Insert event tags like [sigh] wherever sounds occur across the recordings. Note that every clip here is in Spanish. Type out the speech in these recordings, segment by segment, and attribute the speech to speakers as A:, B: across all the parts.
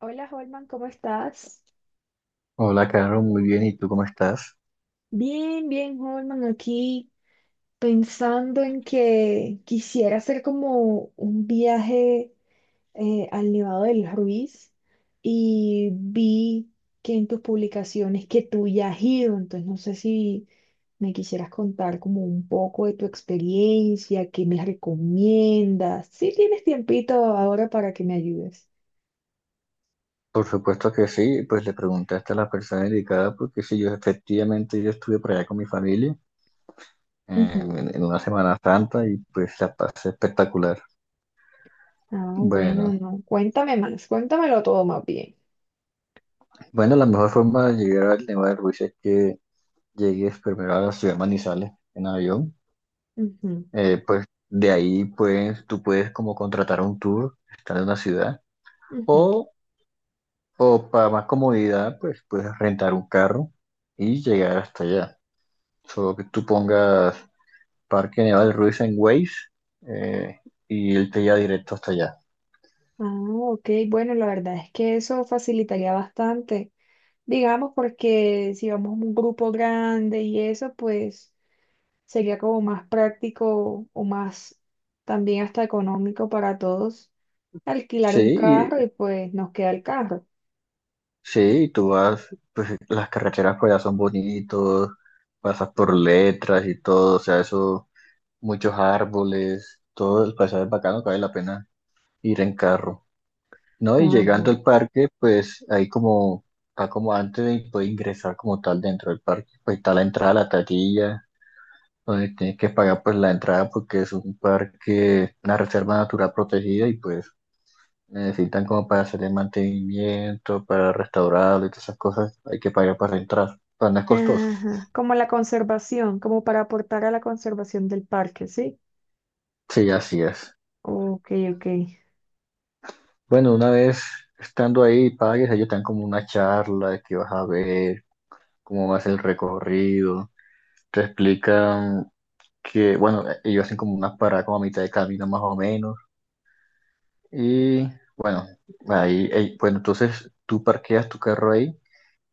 A: Hola Holman, ¿cómo estás?
B: Hola, Caro, muy bien. ¿Y tú cómo estás?
A: Bien, bien Holman, aquí pensando en que quisiera hacer como un viaje al Nevado del Ruiz y vi que en tus publicaciones que tú ya has ido, entonces no sé si me quisieras contar como un poco de tu experiencia, qué me recomiendas. Si tienes tiempito ahora para que me ayudes.
B: Por supuesto que sí, pues le preguntaste a la persona indicada porque sí, yo efectivamente yo estuve por allá con mi familia
A: Ujú.
B: en una Semana Santa y pues la pasé espectacular.
A: Ah, bueno,
B: Bueno,
A: no, cuéntame más, cuéntamelo todo más bien.
B: bueno, la mejor forma de llegar al Nevado del Ruiz es que llegues primero a la ciudad de Manizales en avión.
A: Ujú.
B: Pues de ahí pues tú puedes como contratar un tour, estar en una ciudad
A: Ujú.
B: o, o para más comodidad pues puedes rentar un carro y llegar hasta allá. Solo que tú pongas Parque Nevado Ruiz en Waze, eh, y él te lleva directo hasta allá.
A: Ah, ok, bueno, la verdad es que eso facilitaría bastante, digamos, porque si vamos a un grupo grande y eso, pues sería como más práctico o más también hasta económico para todos alquilar
B: Sí,
A: un carro
B: y-
A: y pues nos queda el carro.
B: sí, y tú vas, pues las carreteras por allá son bonitos, pasas por Letras y todo, o sea, eso, muchos árboles, todo el paisaje es bacano que vale la pena ir en carro. No, y
A: Ajá.
B: llegando al parque, pues ahí como, está como antes de poder ingresar como tal dentro del parque, pues está la entrada a la taquilla, donde tienes que pagar pues la entrada porque es un parque, una reserva natural protegida y pues necesitan como para hacer el mantenimiento, para restaurarlo y todas esas cosas, hay que pagar para entrar, pero no es costoso.
A: Ajá, como la conservación, como para aportar a la conservación del parque, ¿sí?
B: Sí, así es.
A: Ok, ok.
B: Bueno, una vez estando ahí y pagues, ellos te dan como una charla de qué vas a ver, cómo va a ser el recorrido, te explican que, bueno, ellos hacen como unas paradas como a mitad de camino más o menos y ahí, bueno, entonces tú parqueas tu carro ahí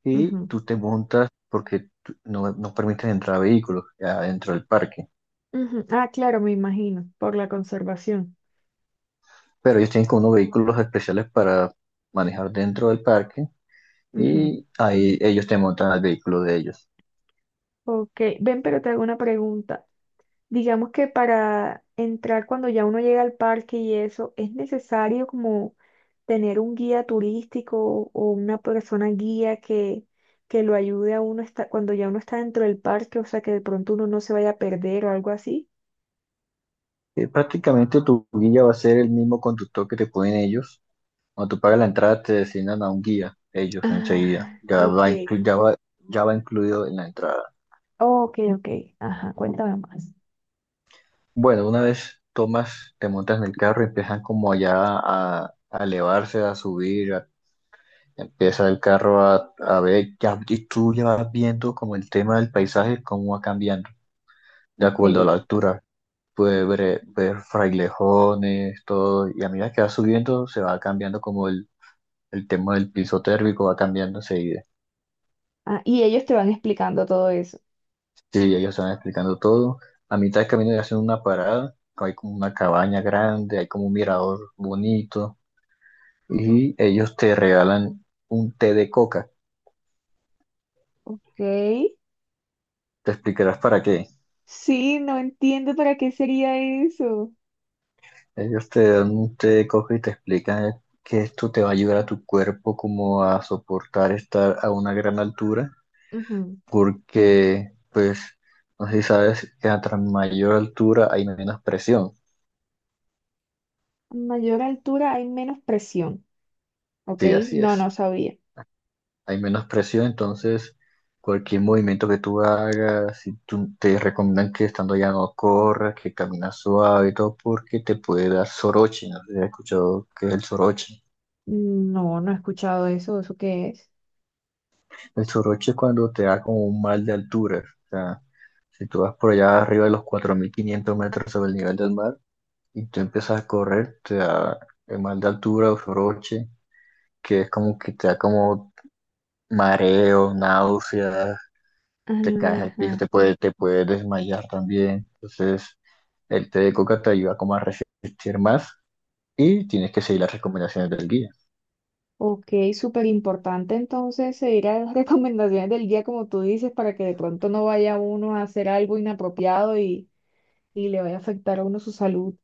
B: y
A: Ujú,
B: tú te montas porque tú- no, no permiten entrar vehículos adentro del parque.
A: ujú. Ah, claro, me imagino, por la conservación.
B: Pero ellos tienen como unos vehículos especiales para manejar dentro del parque
A: Ujú.
B: y ahí ellos te montan al vehículo de ellos.
A: Ok, ven, pero te hago una pregunta. Digamos que para entrar cuando ya uno llega al parque y eso, ¿es necesario como tener un guía turístico o una persona guía que lo ayude a uno esta- cuando ya uno está dentro del parque? O sea, que de pronto uno no se vaya a perder o algo así.
B: Prácticamente tu guía va a ser el mismo conductor que te ponen ellos. Cuando tú pagas la entrada te designan a un guía, ellos enseguida.
A: Ah,
B: Ya va,
A: ok.
B: inclu- ya va, ya va incluido en la entrada.
A: Ok, ok, ajá, cuéntame más.
B: Bueno, una vez tomas, te montas en el carro y empiezan como ya a elevarse, a subir. A Empieza el carro a ver, ya, y tú ya vas viendo como el tema del paisaje, cómo va cambiando, de acuerdo a
A: Ok.
B: la altura. Puedes ver, ver frailejones, todo, y a medida que va subiendo, se va cambiando como el tema del piso térmico, va cambiando enseguida.
A: Ah, y ellos te van explicando todo eso.
B: Sí, ellos van explicando todo. A mitad de camino ya hacen una parada, hay como una cabaña grande, hay como un mirador bonito, y ellos te regalan un té de coca.
A: Ok.
B: ¿Te explicarás para qué?
A: Sí, no entiendo para qué sería eso.
B: Ellos te dan, te cogen y te explican que esto te va a ayudar a tu cuerpo como a soportar estar a una gran altura, porque pues, no sé si sabes que a tras mayor altura hay menos presión.
A: A mayor altura hay menos presión, ¿ok?
B: Sí, así
A: No, no
B: es.
A: sabía.
B: Hay menos presión, entonces cualquier movimiento que tú hagas, si tú, te recomiendan que estando allá no corras, que caminas suave y todo, porque te puede dar soroche. No sé si has escuchado qué es el soroche.
A: No, no he escuchado eso, ¿eso qué es?
B: El soroche es cuando te da como un mal de altura. O sea, si tú vas por allá arriba de los 4.500 metros sobre el nivel del mar y tú empiezas a correr, te da el mal de altura o soroche, que es como que te da como mareo, náuseas, te caes al piso,
A: Ajá.
B: te puede desmayar también. Entonces, el té de coca te ayuda como a resistir más y tienes que seguir las recomendaciones del guía.
A: Ok, súper importante entonces seguir a las [laughs] recomendaciones del guía, como tú dices, para que de pronto no vaya uno a hacer algo inapropiado y le vaya a afectar a uno su salud.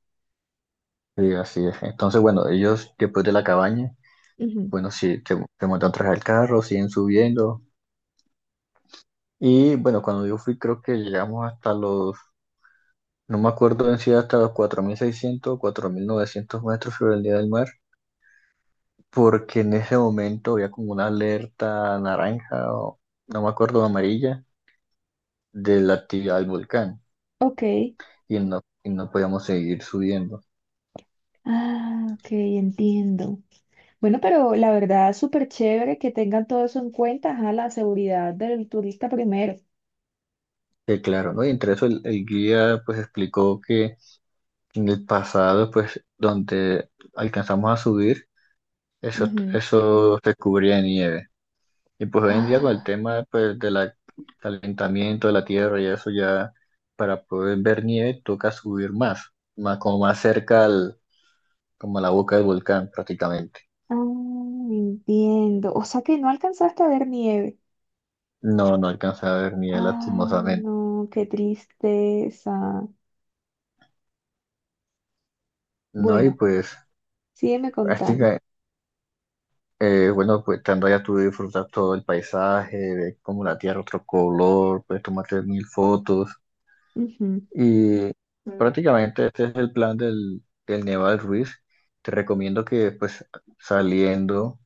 B: Sí, así es. Entonces, bueno, ellos después de la cabaña.
A: Ujú.
B: Bueno, sí, te montan atrás del carro, siguen subiendo. Y bueno, cuando yo fui, creo que llegamos hasta los, no me acuerdo en sí, hasta los 4.600 4.900 metros sobre el nivel del mar, porque en ese momento había como una alerta naranja, o no me acuerdo, amarilla, de la actividad del volcán.
A: Ok,
B: Y no podíamos seguir subiendo.
A: ah, ok, entiendo. Bueno, pero la verdad, súper chévere que tengan todo eso en cuenta, ajá, la seguridad del turista primero.
B: Que claro, ¿no? Y entre eso el guía pues explicó que en el pasado, pues donde alcanzamos a subir, Eso,
A: Ujú.
B: eso se cubría de nieve. Y pues hoy en día con el
A: Ah,
B: tema pues, del calentamiento de la Tierra y eso ya, para poder ver nieve toca subir más, como más cerca al, como a la boca del volcán prácticamente.
A: Ah, entiendo. O sea que no alcanzaste a ver nieve.
B: No, no alcanza a ver nieve
A: Ah,
B: lastimosamente.
A: no, qué tristeza.
B: No, y
A: Bueno,
B: pues,
A: sígueme
B: así
A: contando.
B: que, bueno, pues estando allá tú disfrutas todo el paisaje, ves como la Tierra otro color, puedes tomarte mil fotos.
A: Ujú,
B: Y
A: Mm.
B: prácticamente este es el plan del Neval Ruiz. Te recomiendo que pues saliendo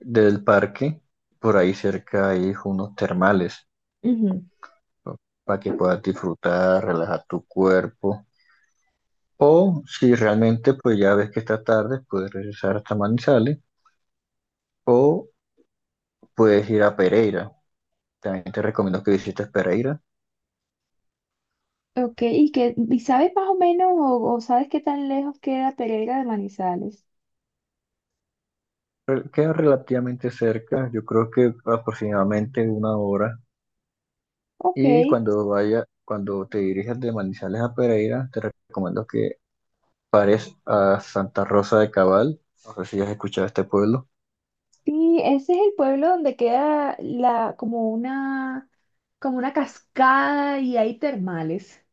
B: del parque, por ahí cerca hay unos termales,
A: ujú.
B: ¿no? Para que puedas disfrutar, relajar tu cuerpo. O si realmente pues ya ves que está tarde, puedes regresar hasta Manizales o puedes ir a Pereira. También te recomiendo que visites Pereira.
A: Ok, ¿ y sabes más o menos o sabes qué tan lejos queda Pereira de Manizales?
B: Queda relativamente cerca, yo creo que aproximadamente una hora.
A: Ok,
B: Y cuando vaya, cuando te dirijas de Manizales a Pereira, te recomiendo que pares a Santa Rosa de Cabal. No sé si has escuchado este pueblo.
A: sí, ese es el pueblo donde queda como una cascada y hay termales.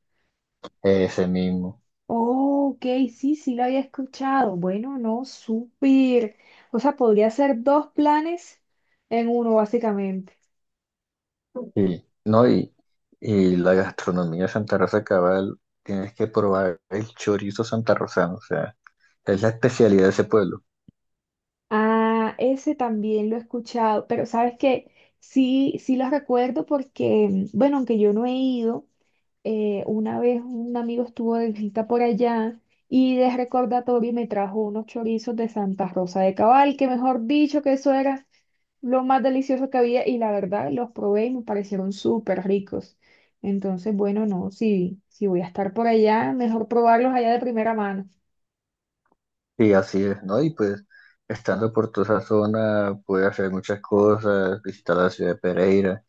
B: Ese mismo.
A: Oh, ok, sí, sí lo había escuchado. Bueno, no, súper. O sea, podría ser dos planes en uno, básicamente.
B: Y, no, la gastronomía de Santa Rosa de Cabal, tienes que probar el chorizo santarrosano. O sea, es la especialidad de ese pueblo.
A: Ah, ese también lo he escuchado, pero sabes que sí, sí los recuerdo porque, mm, bueno, aunque yo no he ido. Una vez un amigo estuvo de visita por allá y de recordatorio me trajo unos chorizos de Santa Rosa de Cabal, que mejor dicho que eso era lo más delicioso que había y la verdad los probé y me parecieron súper ricos. Entonces, bueno, no, si voy a estar por allá, mejor probarlos allá de primera mano.
B: Y así es, ¿no? Y pues, estando por toda esa zona, puedes hacer muchas cosas, visitar la ciudad de Pereira.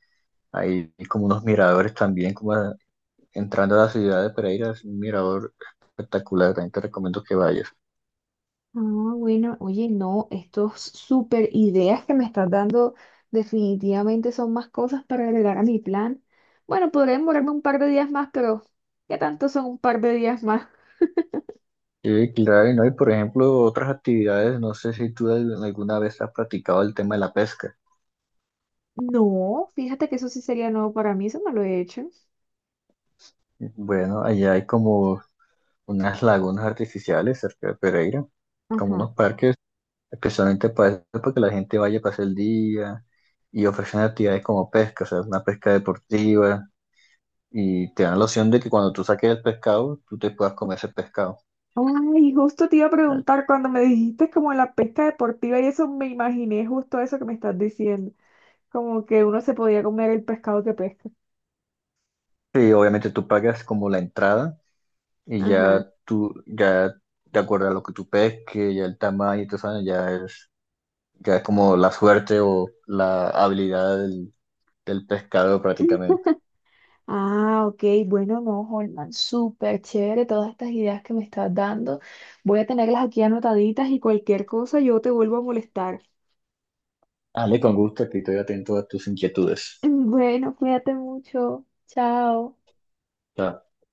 B: Hay como unos miradores también, como entrando a la ciudad de Pereira, es un mirador espectacular, también te recomiendo que vayas.
A: Ah, bueno, oye, no, estos súper ideas que me estás dando definitivamente son más cosas para agregar a mi plan. Bueno, podré demorarme un par de días más, pero ¿qué tanto son un par de días más?
B: Sí, claro, y no, y por ejemplo, otras actividades, no sé si tú alguna vez has practicado el tema de la pesca.
A: No, fíjate que eso sí sería nuevo para mí, eso no lo he hecho.
B: Bueno, allá hay como unas lagunas artificiales cerca de Pereira, como
A: Ajá.
B: unos parques, especialmente para eso, para que la gente vaya a pasar el día y ofrecen actividades como pesca, o sea, una pesca deportiva, y te dan la opción de que cuando tú saques el pescado, tú te puedas comer ese pescado.
A: Ay, justo te iba a preguntar cuando me dijiste como la pesca deportiva y eso me imaginé justo eso que me estás diciendo, como que uno se podía comer el pescado que pesca.
B: Sí, obviamente tú pagas como la entrada. Y
A: Ajá.
B: ya tú, ya de acuerdo a lo que tú pesques, ya el tamaño y todo eso, ya es como la suerte o la habilidad del pescador prácticamente.
A: Ah, ok, bueno, no, Holman, súper chévere todas estas ideas que me estás dando. Voy a tenerlas aquí anotaditas y cualquier cosa yo te vuelvo a molestar. [laughs]
B: Ale, con gusto, aquí estoy atento a tus inquietudes.
A: Bueno, cuídate mucho. Chao.
B: Chao.